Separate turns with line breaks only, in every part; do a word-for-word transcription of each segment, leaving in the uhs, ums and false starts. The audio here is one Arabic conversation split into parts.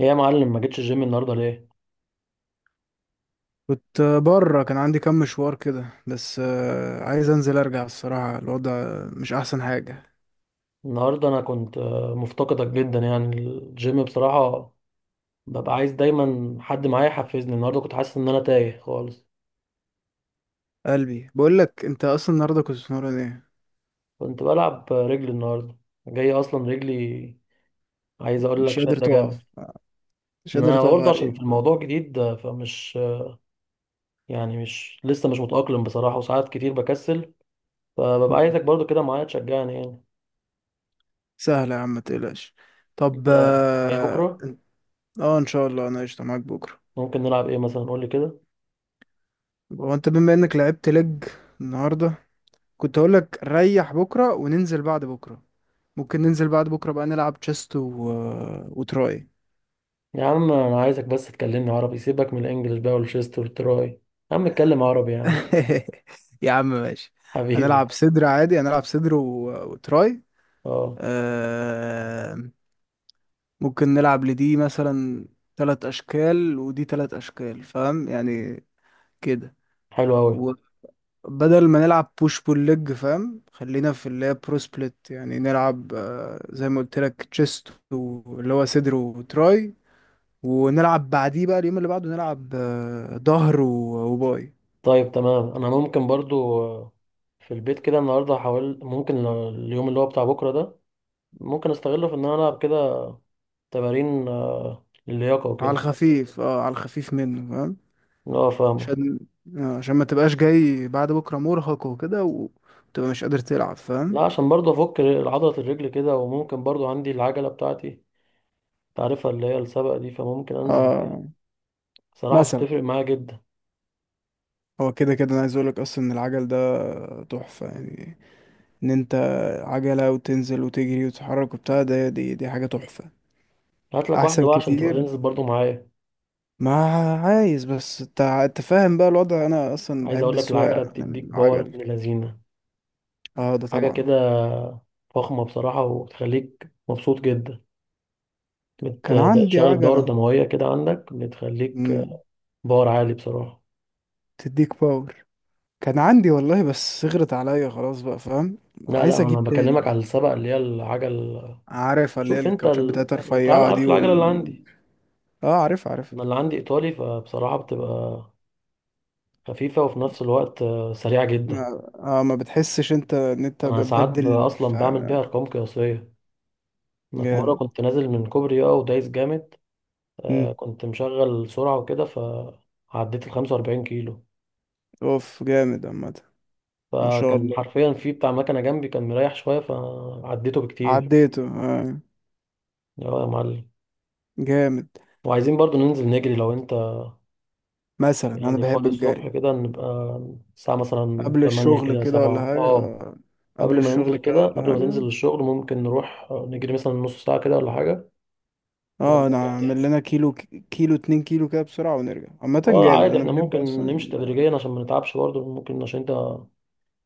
ايه يا معلم، ما جيتش الجيم النهارده ليه؟
كنت بره كان عندي كام مشوار كده بس آه، عايز انزل ارجع. الصراحة الوضع مش احسن حاجة.
النهارده انا كنت آه، مفتقدك جدا يعني الجيم بصراحه. ببقى عايز دايما حد معايا يحفزني. النهارده كنت حاسس ان انا تايه خالص.
قلبي بقول لك، انت اصلا النهارده كنت بتمرن ايه؟
كنت بلعب رجلي النهارده، جاي اصلا رجلي. عايز اقول
مش
لك
قادر
شده جامد.
تقف. مش قادر
انا
تقف
برضه عشان في
عليك.
الموضوع جديد، آه، فمش آه، يعني مش لسه مش متاقلم بصراحه، وساعات كتير بكسل، فببقى
مم.
عايزك برضه كده معايا تشجعني يعني.
سهلة يا عم، ما تقلقش. طب
انت جاي
اه.
بكره؟
آه، ان شاء الله انا قشطة معاك بكرة.
ممكن نلعب ايه مثلا؟ قول لي كده.
هو انت بما انك لعبت لج النهارده، كنت اقول لك ريح بكرة وننزل بعد بكرة. ممكن ننزل بعد بكرة بقى نلعب تشيست و... وتراي.
يا عم انا عايزك بس تكلمني عربي، سيبك من الانجليش بقى والشيست والتراي. يا عم اتكلم عربي يا عم.
يا عم ماشي.
حبيبي.
هنلعب صدر عادي، هنلعب صدر و... وتراي.
اه،
آه... ممكن نلعب لدي مثلا، ثلاث اشكال ودي ثلاث اشكال، فاهم يعني كده.
حلو قوي.
وبدل ما نلعب بوش بول ليج، فاهم، خلينا في اللي هي برو سبليت، يعني نلعب آه... زي ما قلت لك تشيست، واللي هو صدر وتراي. ونلعب بعديه بقى، اليوم اللي بعده نلعب آه... ظهر و... وباي.
طيب تمام، انا ممكن برضو آه، في البيت كده النهارده هحاول، ممكن اليوم اللي هو بتاع بكره ده ممكن استغله في ان انا العب كده تمارين آه، اللياقه
على
وكده.
الخفيف، اه على الخفيف منه فاهم.
اه فاهمك.
عشان آه، عشان ما تبقاش جاي بعد بكرة مرهق وكده وتبقى مش قادر تلعب، فاهم؟
لا، عشان برضو افك ر- عضله الرجل كده. وممكن برضو عندي العجله بتاعتي، تعرفها، اللي هي السبق دي، فممكن انزل بيها.
اه
صراحه
مثلا.
بتفرق معايا جدا.
هو كده كده انا عايز اقولك اصلا ان العجل ده تحفة يعني، ان انت عجلة وتنزل وتجري وتتحرك وبتاع ده، دي دي حاجة تحفة.
هات لك واحده
احسن
بقى عشان تبقى
كتير.
تنزل برضو معايا.
ما عايز بس انت انت فاهم بقى الوضع، انا اصلا
عايز
بحب
اقول لك العجله
السواقة عن
بتديك باور
العجل.
ابن لذينه،
اه ده
حاجه
طبعا.
كده فخمه بصراحه، وبتخليك مبسوط جدا.
كان عندي
بتشغل الدوره
عجلة.
الدمويه كده عندك، بتخليك
مم.
باور عالي بصراحه.
تديك باور. كان عندي والله، بس صغرت عليا خلاص بقى فاهم.
لا لا،
عايز
انا
اجيب
بكلمك
تاني.
على السبق اللي هي العجل.
عارف اللي هي
شوف انت
الكاوتشات
ال...
بتاعتها
انت
الرفيعة
عارف
دي
العجله اللي
وال
عندي.
اه، عارف عارف.
انا اللي عندي ايطالي، فبصراحه بتبقى خفيفه وفي نفس الوقت آه، سريعه جدا.
ما اه، ما بتحسش انت ان انت
انا ساعات ب-
بتبدل
اصلا
ف-
بعمل بيها ارقام قياسيه. انا في مره
جامد.
كنت نازل من كوبري، اه، ودايس جامد.
مم.
آه، كنت مشغل سرعة وكده فعديت ال 45 كيلو.
اوف جامد عامة. ما شاء
فكان
الله.
حرفيا في بتاع مكنة جنبي كان مريح شوية فعديته بكتير.
عديته آه.
اه يا معلم.
جامد.
وعايزين برضو ننزل نجري لو انت
مثلا انا
يعني
بحب
فاضي الصبح
الجري.
كده. نبقى الساعة مثلا
قبل
تمانية
الشغل
كده،
كده ولا
سبعة،
حاجة
اه.
آه. قبل
قبل ما ننزل
الشغل كده
كده،
ولا
قبل ما
حاجة.
تنزل الشغل، ممكن نروح آه، نجري مثلا نص ساعة كده ولا حاجة
اه، انا
ونرجع
اعمل
تاني.
لنا كيلو، كيلو اتنين كيلو كده بسرعة ونرجع. عامة
اه
جامد،
عادي،
انا
احنا
بحب
ممكن
اصلا
نمشي
ال...
تدريجيا عشان ما نتعبش برضه، ممكن عشان انت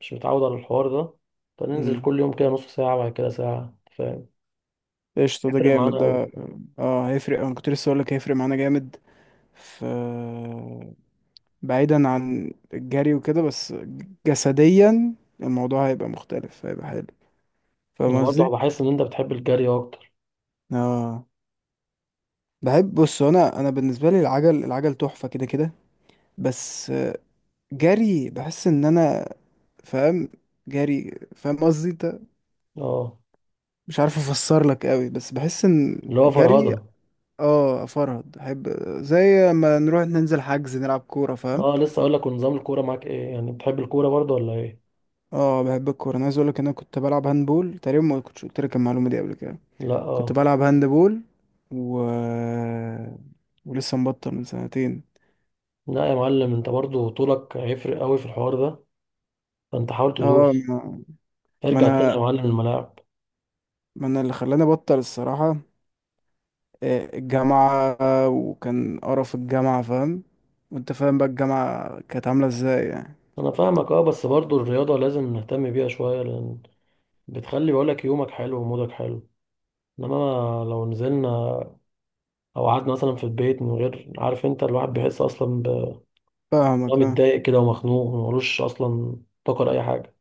مش متعود على الحوار ده، فننزل
مم.
كل يوم كده نص ساعة، بعد كده ساعة، فاهم.
قشطة، ده
بيفرق
جامد
معانا أوي.
ده. اه هيفرق، انا كنت لسه هقولك هيفرق معانا جامد. ف بعيدا عن الجري وكده، بس جسديا الموضوع هيبقى مختلف، هيبقى حلو.
أنا
فاهم
برضه
قصدي؟
بحس إن أنت بتحب الجري أكتر.
اه بحب. بص انا انا بالنسبة لي العجل العجل تحفة كده كده. بس جري، بحس ان انا فاهم. جري، فاهم قصدي انت.
أه،
مش عارف افسر لك قوي، بس بحس ان
اللي هو
جري.
فرهدة.
اه افرهد، احب زي ما نروح ننزل حجز نلعب كورة، فاهم.
أه، لسه أقول لك، ونظام الكورة معاك إيه؟ يعني بتحب الكورة برضه ولا إيه؟
اه بحب الكوره، انا عايز اقول لك ان انا كنت بلعب هاندبول تقريبا. ما كنتش قلت لك المعلومه دي قبل كده.
لأ
كنت
أه.
بلعب هاندبول، و ولسه مبطل من سنتين.
لا يا معلم، أنت برضه طولك هيفرق أوي في الحوار ده، فأنت حاول
اه
تدوس،
ما. ما
ارجع تاني
انا،
يا معلم الملاعب.
ما انا اللي خلاني ابطل الصراحه. آه، الجامعه، وكان قرف الجامعه فاهم. وانت فاهم بقى الجامعه كانت عامله ازاي يعني.
أنا فاهمك أه، بس برضه الرياضة لازم نهتم بيها شوية، لأن بتخلي، بقولك، يومك حلو ومودك حلو. إنما لو نزلنا او قعدنا مثلا في البيت من غير، عارف انت الواحد بيحس اصلا ب- إن هو
فاهمك اه.
متضايق كده ومخنوق، وملوش اصلا طاقه لاي حاجه.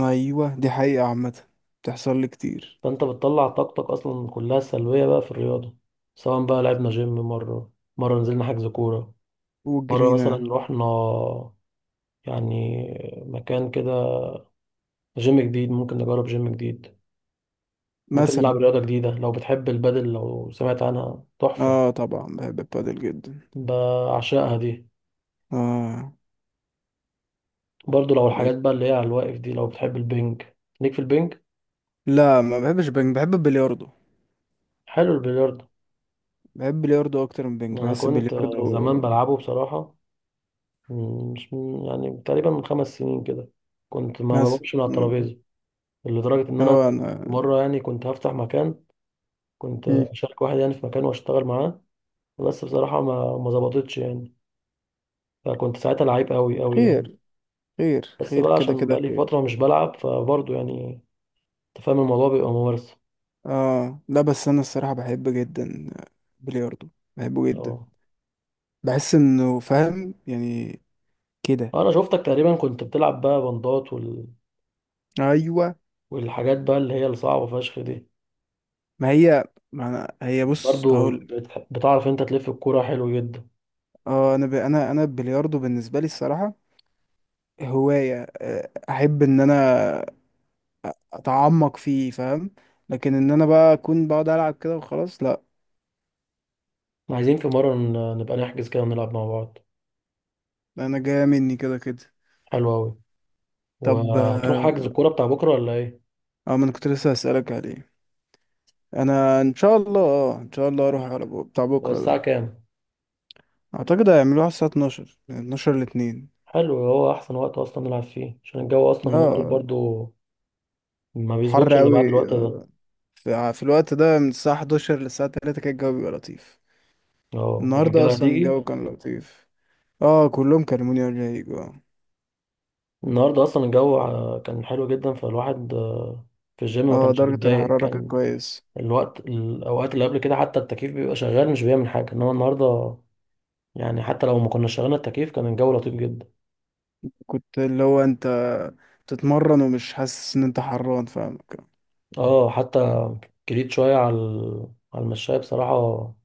ايوه دي حقيقه عامه، بتحصل لي كتير.
فانت بتطلع طاقتك اصلا كلها سلبيه بقى في الرياضه، سواء بقى لعبنا جيم، مره مره نزلنا حجز كوره، مره مثلا
وجرينا
رحنا يعني مكان كده، جيم جديد، ممكن نجرب جيم جديد، ممكن نلعب
مثلا.
رياضه جديده. لو بتحب البادل، لو سمعت عنها تحفه،
اه طبعا بحب البادل جدا.
بعشقها دي.
اه
برضو لو الحاجات بقى اللي هي على الواقف دي، لو بتحب البنج، ليك في البنج.
لا، ما بحبش بنج، بحب البلياردو.
حلو البلياردو.
بحب البلياردو اكتر من بنج،
انا
بحس
كنت آه، زمان
البلياردو.
بلعبه بصراحه. مم، مش من- يعني تقريبا من خمس سنين كده كنت ما
مثلا.
بقومش من على الترابيزه، لدرجه ان انا
هو انا.
مره يعني كنت هفتح مكان، كنت
مم.
اشارك واحد يعني في مكان واشتغل معاه، بس بصراحه ما ما ظبطتش يعني. فكنت ساعتها لعيب قوي قوي يعني.
خير. خير
بس
خير
بقى
كده
عشان بقى
كده
لي فتره
خير.
مش بلعب، فبرضه يعني انت فاهم الموضوع بيبقى ممارسه.
اه لا، بس انا الصراحة بحب جدا بلياردو، بحبه جدا.
اه.
بحس انه فاهم يعني كده.
انا شفتك تقريبا كنت بتلعب بقى بندات وال...
ايوه.
والحاجات بقى اللي هي الصعبه فشخ دي.
ما هي، ما أنا هي بص
برضه
هقول.
بتح- بتعرف انت تلف الكوره حلو جدا.
اه انا ب... انا انا البلياردو بالنسبة لي الصراحة هواية. آه، احب ان انا اتعمق فيه فاهم. لكن ان انا بقى اكون بقعد العب كده وخلاص، لا.
عايزين في مرة ن- نبقى نحجز كده ونلعب مع بعض.
انا جايه مني كده كده.
حلو أوي.
طب
وهتروح
اه.
حجز الكورة بتاع بكرة ولا إيه؟
آه، ما انا كنت لسه هسألك عليه. انا ان شاء الله، اه ان شاء الله اروح على بو- بتاع
هو
بكره
الساعة
ده.
كام؟
اعتقد هيعملوها على الساعه اتناشر، من اتناشر ل اتنين.
حلو، هو أحسن وقت أصلا نلعب فيه، عشان الجو أصلا اليومين دول
اه
برضو ما
حر
بيظبطش إلا
قوي.
بعد الوقت ده.
في, في الوقت ده، من الساعه حداشر للساعه ثلاثة كان الجو بيبقى لطيف.
اه
النهارده
الرجالة
اصلا
هتيجي.
الجو كان لطيف. اه كلهم كلموني قبل ما يجوا.
النهاردة أصلا الجو ع- كان حلو جدا، فالواحد آه، في الجيم ما
اه
كانش
درجه
بيتضايق.
الحراره كانت
كان
كويس
الوقت، الأوقات اللي قبل كده، حتى التكييف بيبقى شغال مش بيعمل حاجة، إنما النهاردة يعني حتى لو ما كنا شغلنا التكييف كان الجو لطيف جدا.
كنت اللي هو انت تتمرن ومش حاسس ان انت حران، فاهمك؟
اه حتى جريت شوية على ال- على المشاية بصراحة.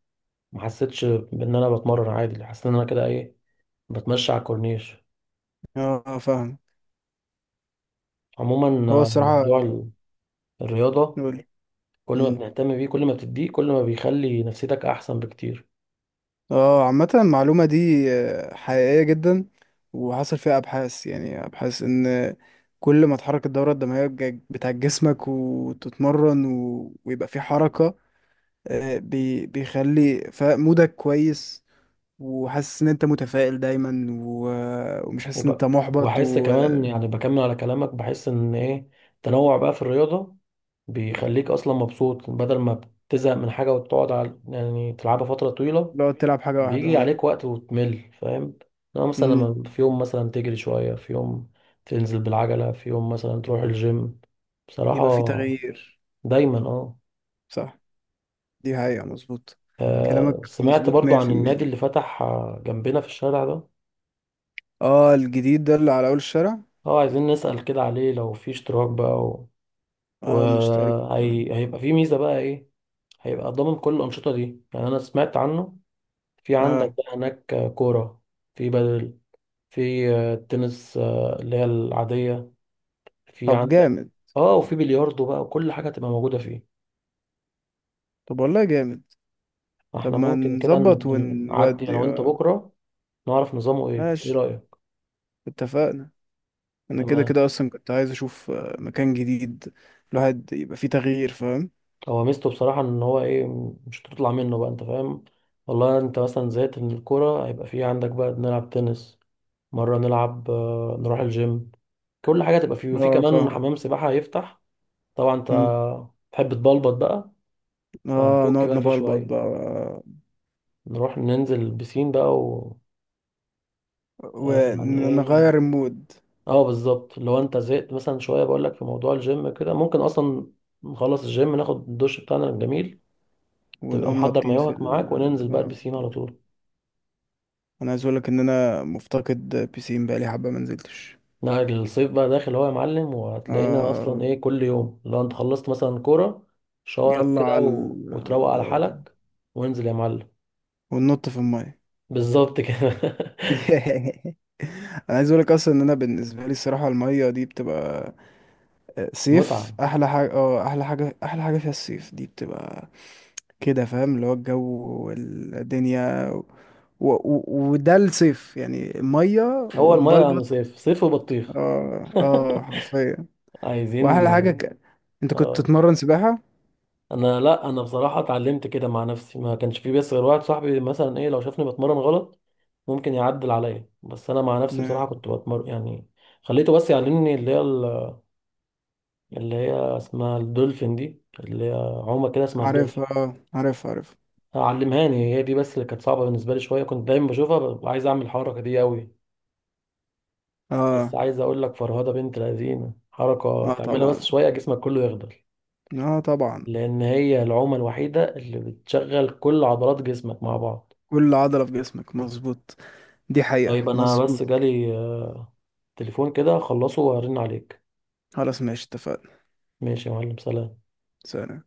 ما حسيتش بإن أنا بتمرن عادي، حسيت إن أنا كده إيه، بتمشى على الكورنيش.
اه فاهم.
عموما
هو
آه،
الصراحة
موضوع ال- الرياضة،
نقول،
كل ما بنهتم بيه، كل ما بتديه، كل ما بيخلي نفسيتك أحسن بكتير.
اه عامة المعلومة دي آه، حقيقية جدا. وحصل فيها ابحاث، يعني ابحاث ان كل ما تحرك الدورة الدموية بج- بتاعت جسمك وتتمرن و... ويبقى في حركة، آه، بي... بيخلي ف- مودك كويس. وحاسس ان انت متفائل دايما و... ومش حاسس ان انت
وب-
محبط
وبحس كمان
ولو
يعني، بكمل على كلامك، بحس إن إيه، التنوع بقى في الرياضة بيخليك أصلا مبسوط، بدل ما بتزهق من حاجة وتقعد على، يعني تلعبها فترة طويلة،
تلعب حاجة
بيجي
واحدة.
عليك وقت وتمل فاهم. لو مثلا،
اه
لما في يوم مثلا تجري شوية، في يوم تنزل بالعجلة، في يوم مثلا تروح الجيم، بصراحة
يبقى في تغيير.
دايما، اه.
صح. دي حقيقة مظبوط.
آه،
كلامك
سمعت
مظبوط
برضو عن النادي
مية بالمية.
اللي فتح آه، جنبنا في الشارع ده.
اه الجديد ده اللي على اول الشارع.
اه، عايزين نسأل كده عليه لو في اشتراك بقى و...
اه، ونشتري برتقال.
وهي... هيبقى في ميزة بقى ايه. هيبقى ضامن كل الأنشطة دي. يعني أنا سمعت عنه، في عندك
اه.
بقى هناك آه، كورة، في بدل، في آه، تنس، آه، اللي هي العادية، في
طب
عندك،
جامد.
اه، وفي بلياردو بقى، وكل حاجة تبقى موجودة فيه.
طب والله جامد. طب
احنا
ما
ممكن كده
نظبط
نبقى نعدي انا
ونودي
وانت
اه.
بكرة، نعرف نظامه ايه. ايه
ماشي
رأيك؟
اتفقنا. انا كده
تمام.
كده اصلا كنت عايز اشوف آه، مكان جديد. الواحد يبقى فيه تغيير فاهم.
هو ميزته بصراحة ان هو ايه، مش هتطلع منه بقى انت فاهم. والله انت مثلا زهقت من الكورة، هيبقى في عندك بقى نلعب تنس، مرة نلعب، آه، نروح الجيم، كل حاجة تبقى فيه. وفي
اه
كمان
فاهم.
حمام سباحة هيفتح، طبعا انت
مم.
تحب تبلبط بقى،
اه،
فهنفك
نقعد
بقى فيه
نبلبط
شوية،
بقى
نروح ننزل البسين بقى و آه، يعني ايه،
ونغير المود.
اه بالظبط. لو انت زهقت مثلا شويه، بقول لك في موضوع الجيم كده، ممكن اصلا نخلص الجيم، ناخد الدش بتاعنا الجميل، تبقى
ونقوم
محضر
نطين في
مايوهك
ال
معاك، وننزل بقى
آه،
البسين على طول.
انا عايز اقولك ان انا مفتقد بيسين بقالي حبه ما نزلتش.
لا الصيف بقى داخل هو يا معلم، وهتلاقينا اصلا
آه،
ايه كل يوم. لو انت خلصت مثلا كوره، شاورك
يلا
كده
على
و...
ال-
وتروق على حالك وانزل يا معلم.
وننط في الميه.
بالظبط كده.
انا عايز اقولك اصلا ان انا بالنسبه لي الصراحه، الميه دي بتبقى آه، صيف
متعه.
احلى حاجه. اه احلى حاجه، احلى حاجه فيها الصيف، دي بتبقى كده فاهم. اللي هو الجو والدنيا و... و... وده الصيف يعني، ميه
هو الميه يعني
ونبلبط.
صيف صيف وبطيخ.
اه اه حرفيا.
عايزين.
واحلى حاجه ك... انت كنت
اه.
تتمرن سباحه؟
انا، لا، انا بصراحه اتعلمت كده مع نفسي، ما كانش في بس غير واحد صاحبي مثلا ايه، لو شافني بتمرن غلط ممكن يعدل عليا، بس انا مع نفسي بصراحه كنت بتمرن يعني. خليته بس يعلمني اللي هي ال- اللي هي اسمها الدولفين دي، اللي هي عومه كده اسمها
عارفها،
الدولفين.
اه عارفها عارفها.
علمهاني هي دي بس، اللي كانت صعبه بالنسبه لي شويه. كنت دايما بشوفها ببقى عايز اعمل الحركه دي قوي. بس
اه
عايز اقول لك فرهده بنت لذينه، حركه
اه
تعملها بس
طبعا.
شويه جسمك كله يخضل،
اه طبعا.
لان هي العومه الوحيده اللي بتشغل كل عضلات جسمك مع بعض.
كل عضلة في جسمك، مظبوط. دي حقيقة
طيب انا
مظبوط.
بس جالي آه، تليفون كده، اخلصه وارن عليك.
خلاص ماشي اتفقنا.
ماشي يا معلم، سلام.
سلام.